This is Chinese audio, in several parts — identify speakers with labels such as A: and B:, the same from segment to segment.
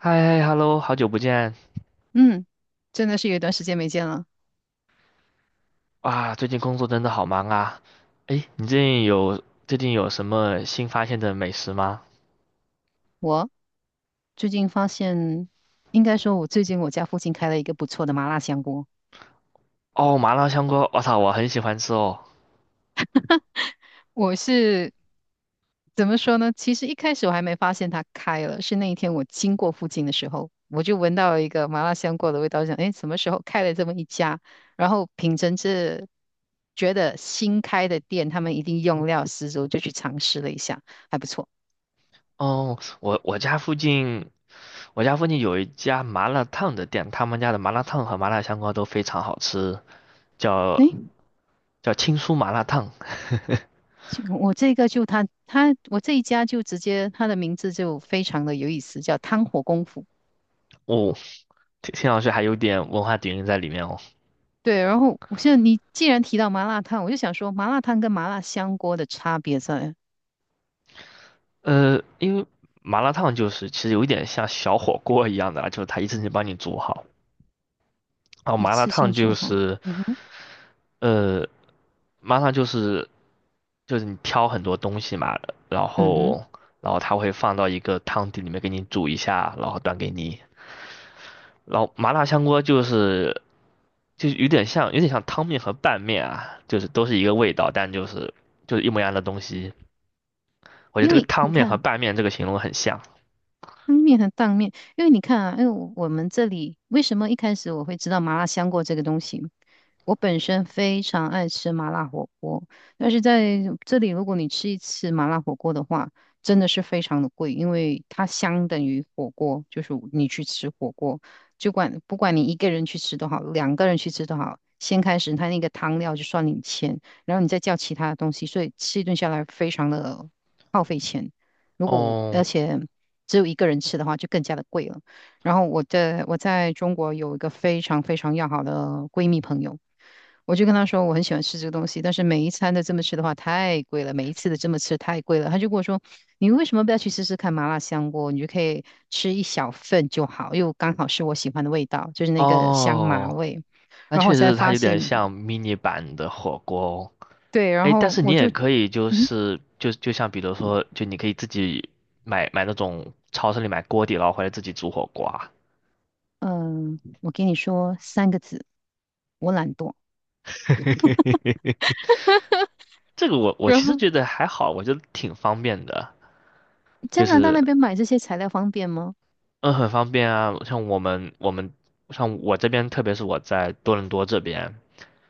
A: 嗨嗨，hello，好久不见
B: 嗯，真的是有一段时间没见了。
A: 哇！最近工作真的好忙啊。诶，你最近有什么新发现的美食吗？
B: 我最近发现，应该说，我家附近开了一个不错的麻辣香锅。
A: 哦，麻辣香锅，我操，我很喜欢吃哦。
B: 我是怎么说呢？其实一开始我还没发现它开了，是那一天我经过附近的时候，我就闻到一个麻辣香锅的味道，想，哎什么时候开了这么一家？然后品尝这觉得新开的店，他们一定用料十足，就去尝试了一下，还不错。
A: 哦，我家附近有一家麻辣烫的店，他们家的麻辣烫和麻辣香锅都非常好吃，叫
B: 哎。
A: 青苏麻辣烫。
B: 请我这个就他我这一家就直接他的名字就非常的有意思，叫汤火功夫。
A: 哦，听上去还有点文化底蕴在里面哦。
B: 对，然后我现在你既然提到麻辣烫，我就想说麻辣烫跟麻辣香锅的差别在
A: 因为麻辣烫就是其实有一点像小火锅一样的啦，就是它一次性帮你煮好。然后
B: 一次性说哈，嗯哼，
A: 呃，麻辣烫就是你挑很多东西嘛，然
B: 嗯哼，
A: 后然后它会放到一个汤底里面给你煮一下，然后端给你。然后麻辣香锅就是有点像汤面和拌面啊，就是都是一个味道，但就是一模一样的东西。我觉得
B: 因
A: 这个
B: 为
A: 汤
B: 你
A: 面和
B: 看。
A: 拌面这个形容很像。
B: 汤面和当面，因为你看啊，因为我们这里为什么一开始我会知道麻辣香锅这个东西？我本身非常爱吃麻辣火锅，但是在这里，如果你吃一次麻辣火锅的话，真的是非常的贵，因为它相等于火锅，就是你去吃火锅，不管你一个人去吃都好，两个人去吃都好，先开始它那个汤料就算你钱，然后你再叫其他的东西，所以吃一顿下来非常的耗费钱。如果我而
A: 哦
B: 且只有一个人吃的话，就更加的贵了。然后我在中国有一个非常非常要好的闺蜜朋友，我就跟她说我很喜欢吃这个东西，但是每一餐都这么吃的话太贵了，每一次都这么吃太贵了。她就跟我说，你为什么不要去试试看麻辣香锅？你就可以吃一小份就好，又刚好是我喜欢的味道，就是那个香麻
A: 哦。
B: 味。
A: 那
B: 然后我
A: 确
B: 才
A: 实它
B: 发
A: 有
B: 现，
A: 点像 mini 版的火锅哦。
B: 对，然
A: 哎，但
B: 后
A: 是你
B: 我就
A: 也可以
B: 嗯
A: 就像比如说，就你可以自己买那种超市里买锅底，然后回来自己煮火锅啊。
B: 嗯、呃我跟你说三个字，我懒惰。
A: 这个我
B: 然
A: 其实
B: 后。
A: 觉得还好，我觉得挺方便的，
B: 加
A: 就
B: 拿大
A: 是
B: 那边买这些材料方便吗？
A: 嗯很方便啊。像我们我们像我这边，特别是我在多伦多这边，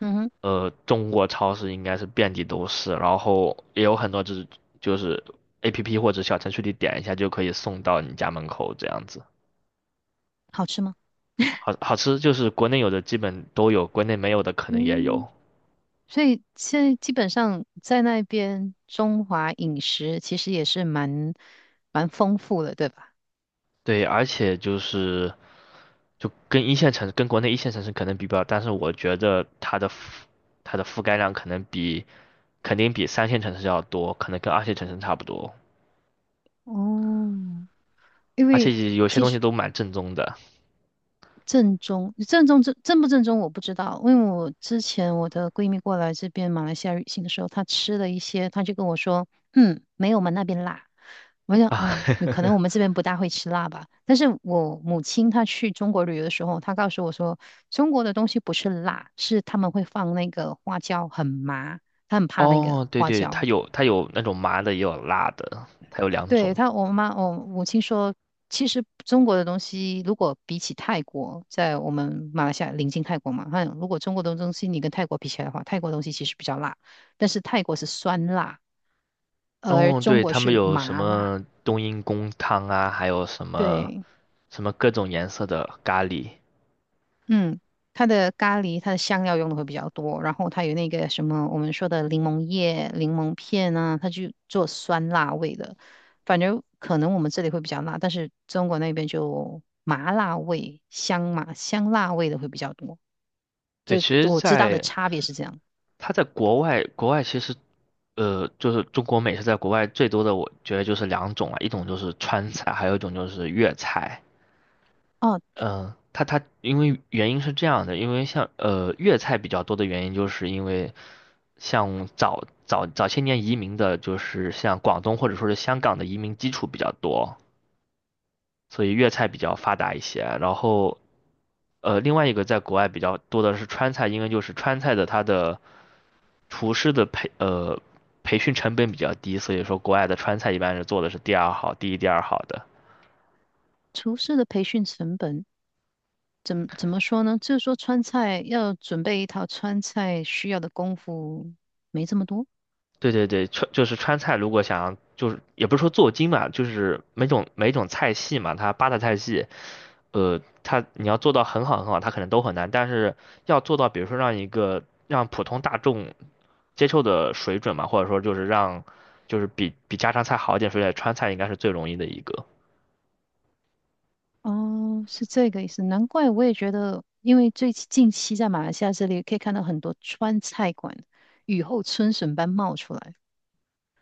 B: 嗯哼，
A: 中国超市应该是遍地都是，然后也有很多就是 APP 或者小程序里点一下就可以送到你家门口这样子。
B: 好吃吗？
A: 好就是国内有的基本都有，国内没有的可能也
B: 嗯，
A: 有。
B: 所以现在基本上在那边中华饮食其实也是蛮丰富的，对吧？
A: 对，而且就跟一线城市跟国内一线城市可能比不了，但是我觉得它的它的覆盖量可能肯定比三线城市要多，可能跟二线城市差不多。
B: 哦，因
A: 而
B: 为
A: 且有些东西都蛮正宗的
B: 正不正宗我不知道，因为我之前我的闺蜜过来这边马来西亚旅行的时候，她吃了一些，她就跟我说，嗯，没有我们那边辣。我想，
A: 啊。
B: 哦，有可能我 们这边不大会吃辣吧。但是我母亲她去中国旅游的时候，她告诉我说，中国的东西不是辣，是他们会放那个花椒，很麻，她很怕那个
A: 哦，对
B: 花
A: 对，它
B: 椒。
A: 有那种麻的，也有辣的，它有两
B: 对，
A: 种。
B: 她，我妈，我母亲说，其实中国的东西，如果比起泰国，在我们马来西亚临近泰国嘛，她讲如果中国的东西你跟泰国比起来的话，泰国东西其实比较辣，但是泰国是酸辣，而
A: 哦，
B: 中
A: 对，
B: 国
A: 他们
B: 是
A: 有什
B: 麻辣。
A: 么冬阴功汤啊，还有什么
B: 对，
A: 各种颜色的咖喱。
B: 嗯，它的咖喱，它的香料用的会比较多，然后它有那个什么我们说的柠檬叶、柠檬片啊，它就做酸辣味的。反正可能我们这里会比较辣，但是中国那边就麻辣味、香麻香辣味的会比较多。
A: 对，
B: 就
A: 其实
B: 我知道的
A: 在，
B: 差别是这样。
A: 它在国外，国外其实，呃，就是中国美食在国外最多的，我觉得就是两种啊，一种就是川菜，还有一种就是粤菜。
B: 哦，
A: 嗯、它因为原因是这样的，因为像粤菜比较多的原因，就是因为像早些年移民的，就是像广东或者说是香港的移民基础比较多，所以粤菜比较发达一些。然后呃，另外一个在国外比较多的是川菜，因为就是川菜的它的厨师的培呃培训成本比较低，所以说国外的川菜一般是做的是第二好、第二好的。
B: 厨师的培训成本怎么说呢？就是说川菜要准备一套川菜需要的功夫没这么多。
A: 对对对，川就是川菜，如果想要就是也不是说做精吧，就是每种菜系嘛，它八大菜系，呃，它你要做到很好很好，它可能都很难，但是要做到比如说让一个让普通大众接受的水准嘛，或者说就是让比家常菜好一点水准，川菜应该是最容易的一个。
B: 哦，是这个意思，难怪我也觉得，因为最近期在马来西亚这里可以看到很多川菜馆雨后春笋般冒出来。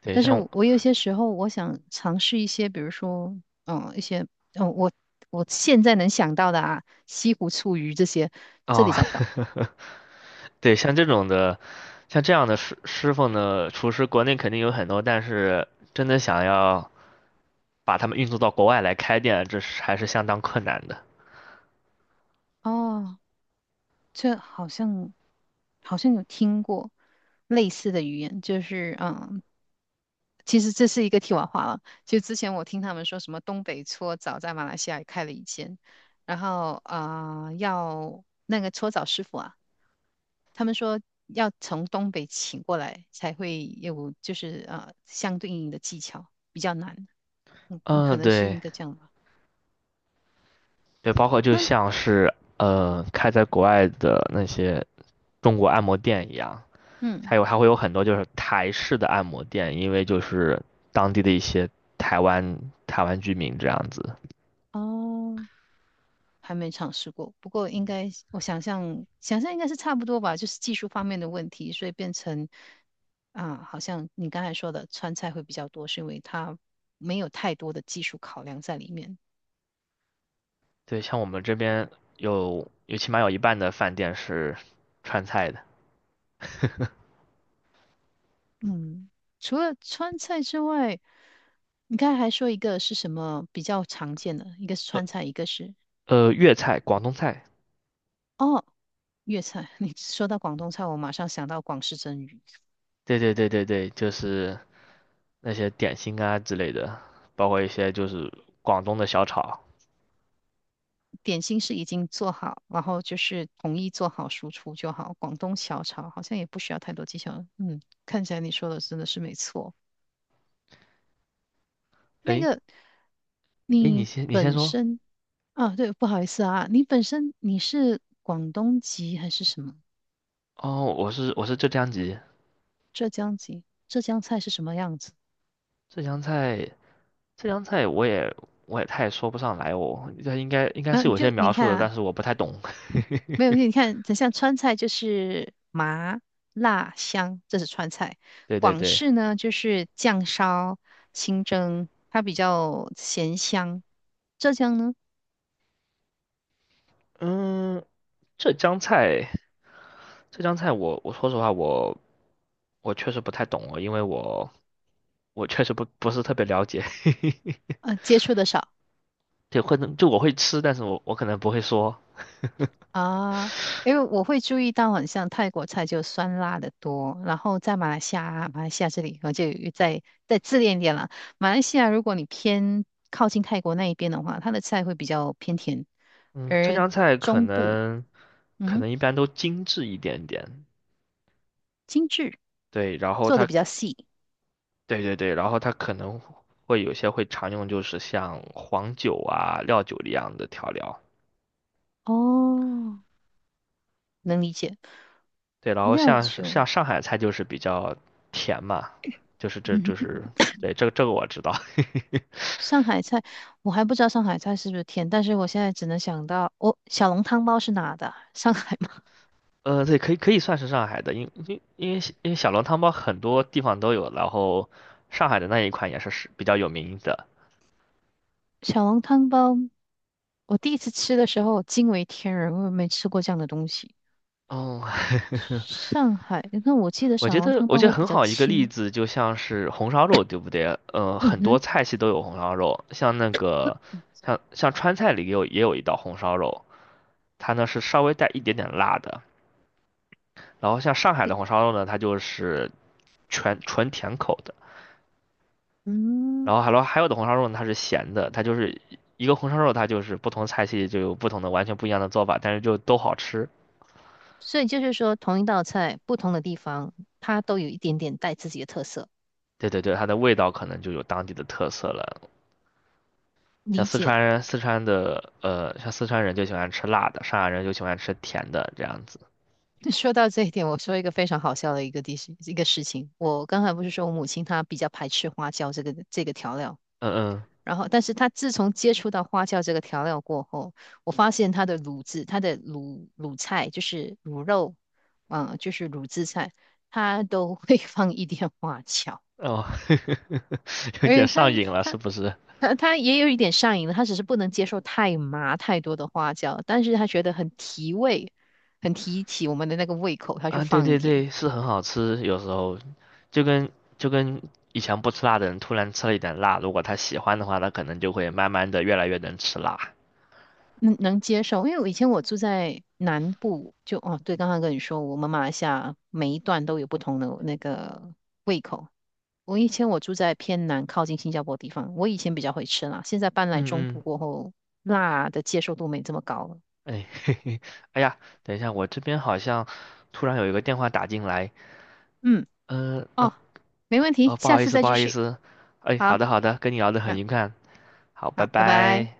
A: 对，
B: 但是
A: 像
B: 我有些时候我想尝试一些，比如说，一些，嗯，我我现在能想到的啊，西湖醋鱼这些，这里
A: 啊，
B: 找不到。
A: 对，像这种的，像这样的师傅呢，厨师国内肯定有很多，但是真的想要把他们运作到国外来开店，这是还是相当困难的。
B: 哦，这好像有听过类似的语言，就是其实这是一个题外话了。就之前我听他们说什么东北搓澡在马来西亚也开了一间，然后，要那个搓澡师傅啊，他们说要从东北请过来才会有，就是相对应的技巧比较难。嗯，你可
A: 嗯，
B: 能是
A: 对
B: 应该这样吧。
A: 对，包括就
B: 那
A: 像是开在国外的那些中国按摩店一样，还
B: 嗯
A: 有会有很多就是台式的按摩店，因为就是当地的一些台湾台湾居民这样子。
B: 哦。还没尝试过，不过应该我想象想象应该是差不多吧，就是技术方面的问题，所以变成啊，好像你刚才说的川菜会比较多，是因为它没有太多的技术考量在里面。
A: 对，像我们这边起码有一半的饭店是川菜的，
B: 嗯，除了川菜之外，你刚才还说一个是什么比较常见的，一个是
A: 呃
B: 川菜，一个是
A: 呃，粤菜、广东菜，
B: 哦粤菜。你说到广东菜，我马上想到广式蒸鱼。
A: 对对对对对，就是那些点心啊之类的，包括一些就是广东的小炒。
B: 点心是已经做好，然后就是统一做好输出就好。广东小炒好像也不需要太多技巧。嗯，看起来你说的真的是没错。那
A: 诶，
B: 个
A: 你
B: 你
A: 先
B: 本
A: 说。
B: 身啊，对，不好意思啊，你本身你是广东籍还是什么？
A: 哦，我是浙江籍，
B: 浙江籍？浙江菜是什么样子？
A: 浙江菜浙江菜我也太说不上来哦，这应该是
B: 嗯、
A: 有些
B: 就
A: 描
B: 您
A: 述
B: 看
A: 的，但
B: 啊，
A: 是我不太懂。
B: 没有，你看，像川菜就是麻辣香，这是川菜。
A: 对对
B: 广
A: 对，
B: 式呢就是酱烧、清蒸，它比较咸香。浙江呢，
A: 嗯，浙江菜。浙江菜我说实话我确实不太懂哦，因为我确实不是特别了解，
B: 接触的少
A: 对，会能就我会吃，但是我可能不会说。
B: 啊，因为我会注意到，很像泰国菜就酸辣的多，然后在马来西亚，马来西亚这里，我就有再自恋一点了。马来西亚，如果你偏靠近泰国那一边的话，它的菜会比较偏甜，
A: 嗯，浙
B: 而
A: 江菜
B: 中部，嗯
A: 可
B: 哼，
A: 能一般都精致一点点，
B: 精致。
A: 对，然后
B: 做的
A: 它
B: 比较细。
A: 可能会有些会常用，就是像黄酒啊、料酒一样的调料，
B: 哦，能理解。
A: 对，然后
B: 料
A: 像
B: 酒，
A: 上海菜就是比较甜嘛，就是这
B: 嗯
A: 就
B: 哼，
A: 是对这个我知道。
B: 上海菜，我还不知道上海菜是不是甜，但是我现在只能想到，我小笼汤包是哪的？上海吗？
A: 呃，对，可以算是上海的，因为小笼汤包很多地方都有，然后上海的那一款是比较有名的。
B: 小笼汤包，我第一次吃的时候惊为天人，我没吃过这样的东西。
A: 哦，
B: 上海，那我记得 小笼汤
A: 我
B: 包
A: 觉得
B: 会比
A: 很
B: 较
A: 好一个例
B: 轻。
A: 子，就像是红烧肉，对不对？呃，
B: 嗯
A: 很多
B: 哼
A: 菜系都有红烧肉，像那个
B: ，sorry，
A: 像川菜里也有一道红烧肉，它呢是稍微带一点点辣的，然后像上海的红烧肉呢，它就是全纯甜口的。
B: 嗯，
A: 然后还有的红烧肉呢，它是咸的，它就是一个红烧肉，它就是不同菜系就有不同的完全不一样的做法，但是就都好吃。
B: 所以就是说，同一道菜，不同的地方，它都有一点点带自己的特色。
A: 对对对，它的味道可能就有当地的特色了。像
B: 理
A: 四
B: 解。
A: 川人，四川人就喜欢吃辣的，上海人就喜欢吃甜的，这样子。
B: 说到这一点，我说一个非常好笑的一个地事一个事情。我刚才不是说我母亲她比较排斥花椒这个调料，
A: 嗯
B: 然后，但是她自从接触到花椒这个调料过后，我发现她的卤制，她的卤菜就是卤肉，嗯，就是卤制菜，她都会 放一点花椒，
A: 嗯，哦，有
B: 而
A: 点
B: 且
A: 上瘾了，是
B: 她
A: 不是？
B: 她也有一点上瘾了，她只是不能接受太麻太多的花椒，但是她觉得很提味，很提起我们的那个胃口，她就
A: 啊，对
B: 放一
A: 对
B: 点。
A: 对，是很好吃，有时候就跟就跟以前不吃辣的人突然吃了一点辣，如果他喜欢的话，他可能就会慢慢的越来越能吃辣。
B: 能接受，因为我以前我住在南部，对，刚刚跟你说，我们马来西亚每一段都有不同的那个胃口。我以前我住在偏南，靠近新加坡地方，我以前比较会吃辣，现在搬来中
A: 嗯
B: 部
A: 嗯，
B: 过后，辣的接受度没这么高了。
A: 哎，嘿嘿，哎呀，等一下，我这边好像突然有一个电话打进来，
B: 嗯，
A: 呃，那
B: 哦，没问题，
A: 哦，不
B: 下
A: 好意
B: 次
A: 思，
B: 再
A: 不
B: 继
A: 好意
B: 续。
A: 思，哎，好
B: 好，
A: 的好的，跟你聊得很
B: 嗯，
A: 愉快，好，拜
B: 好，拜拜。
A: 拜。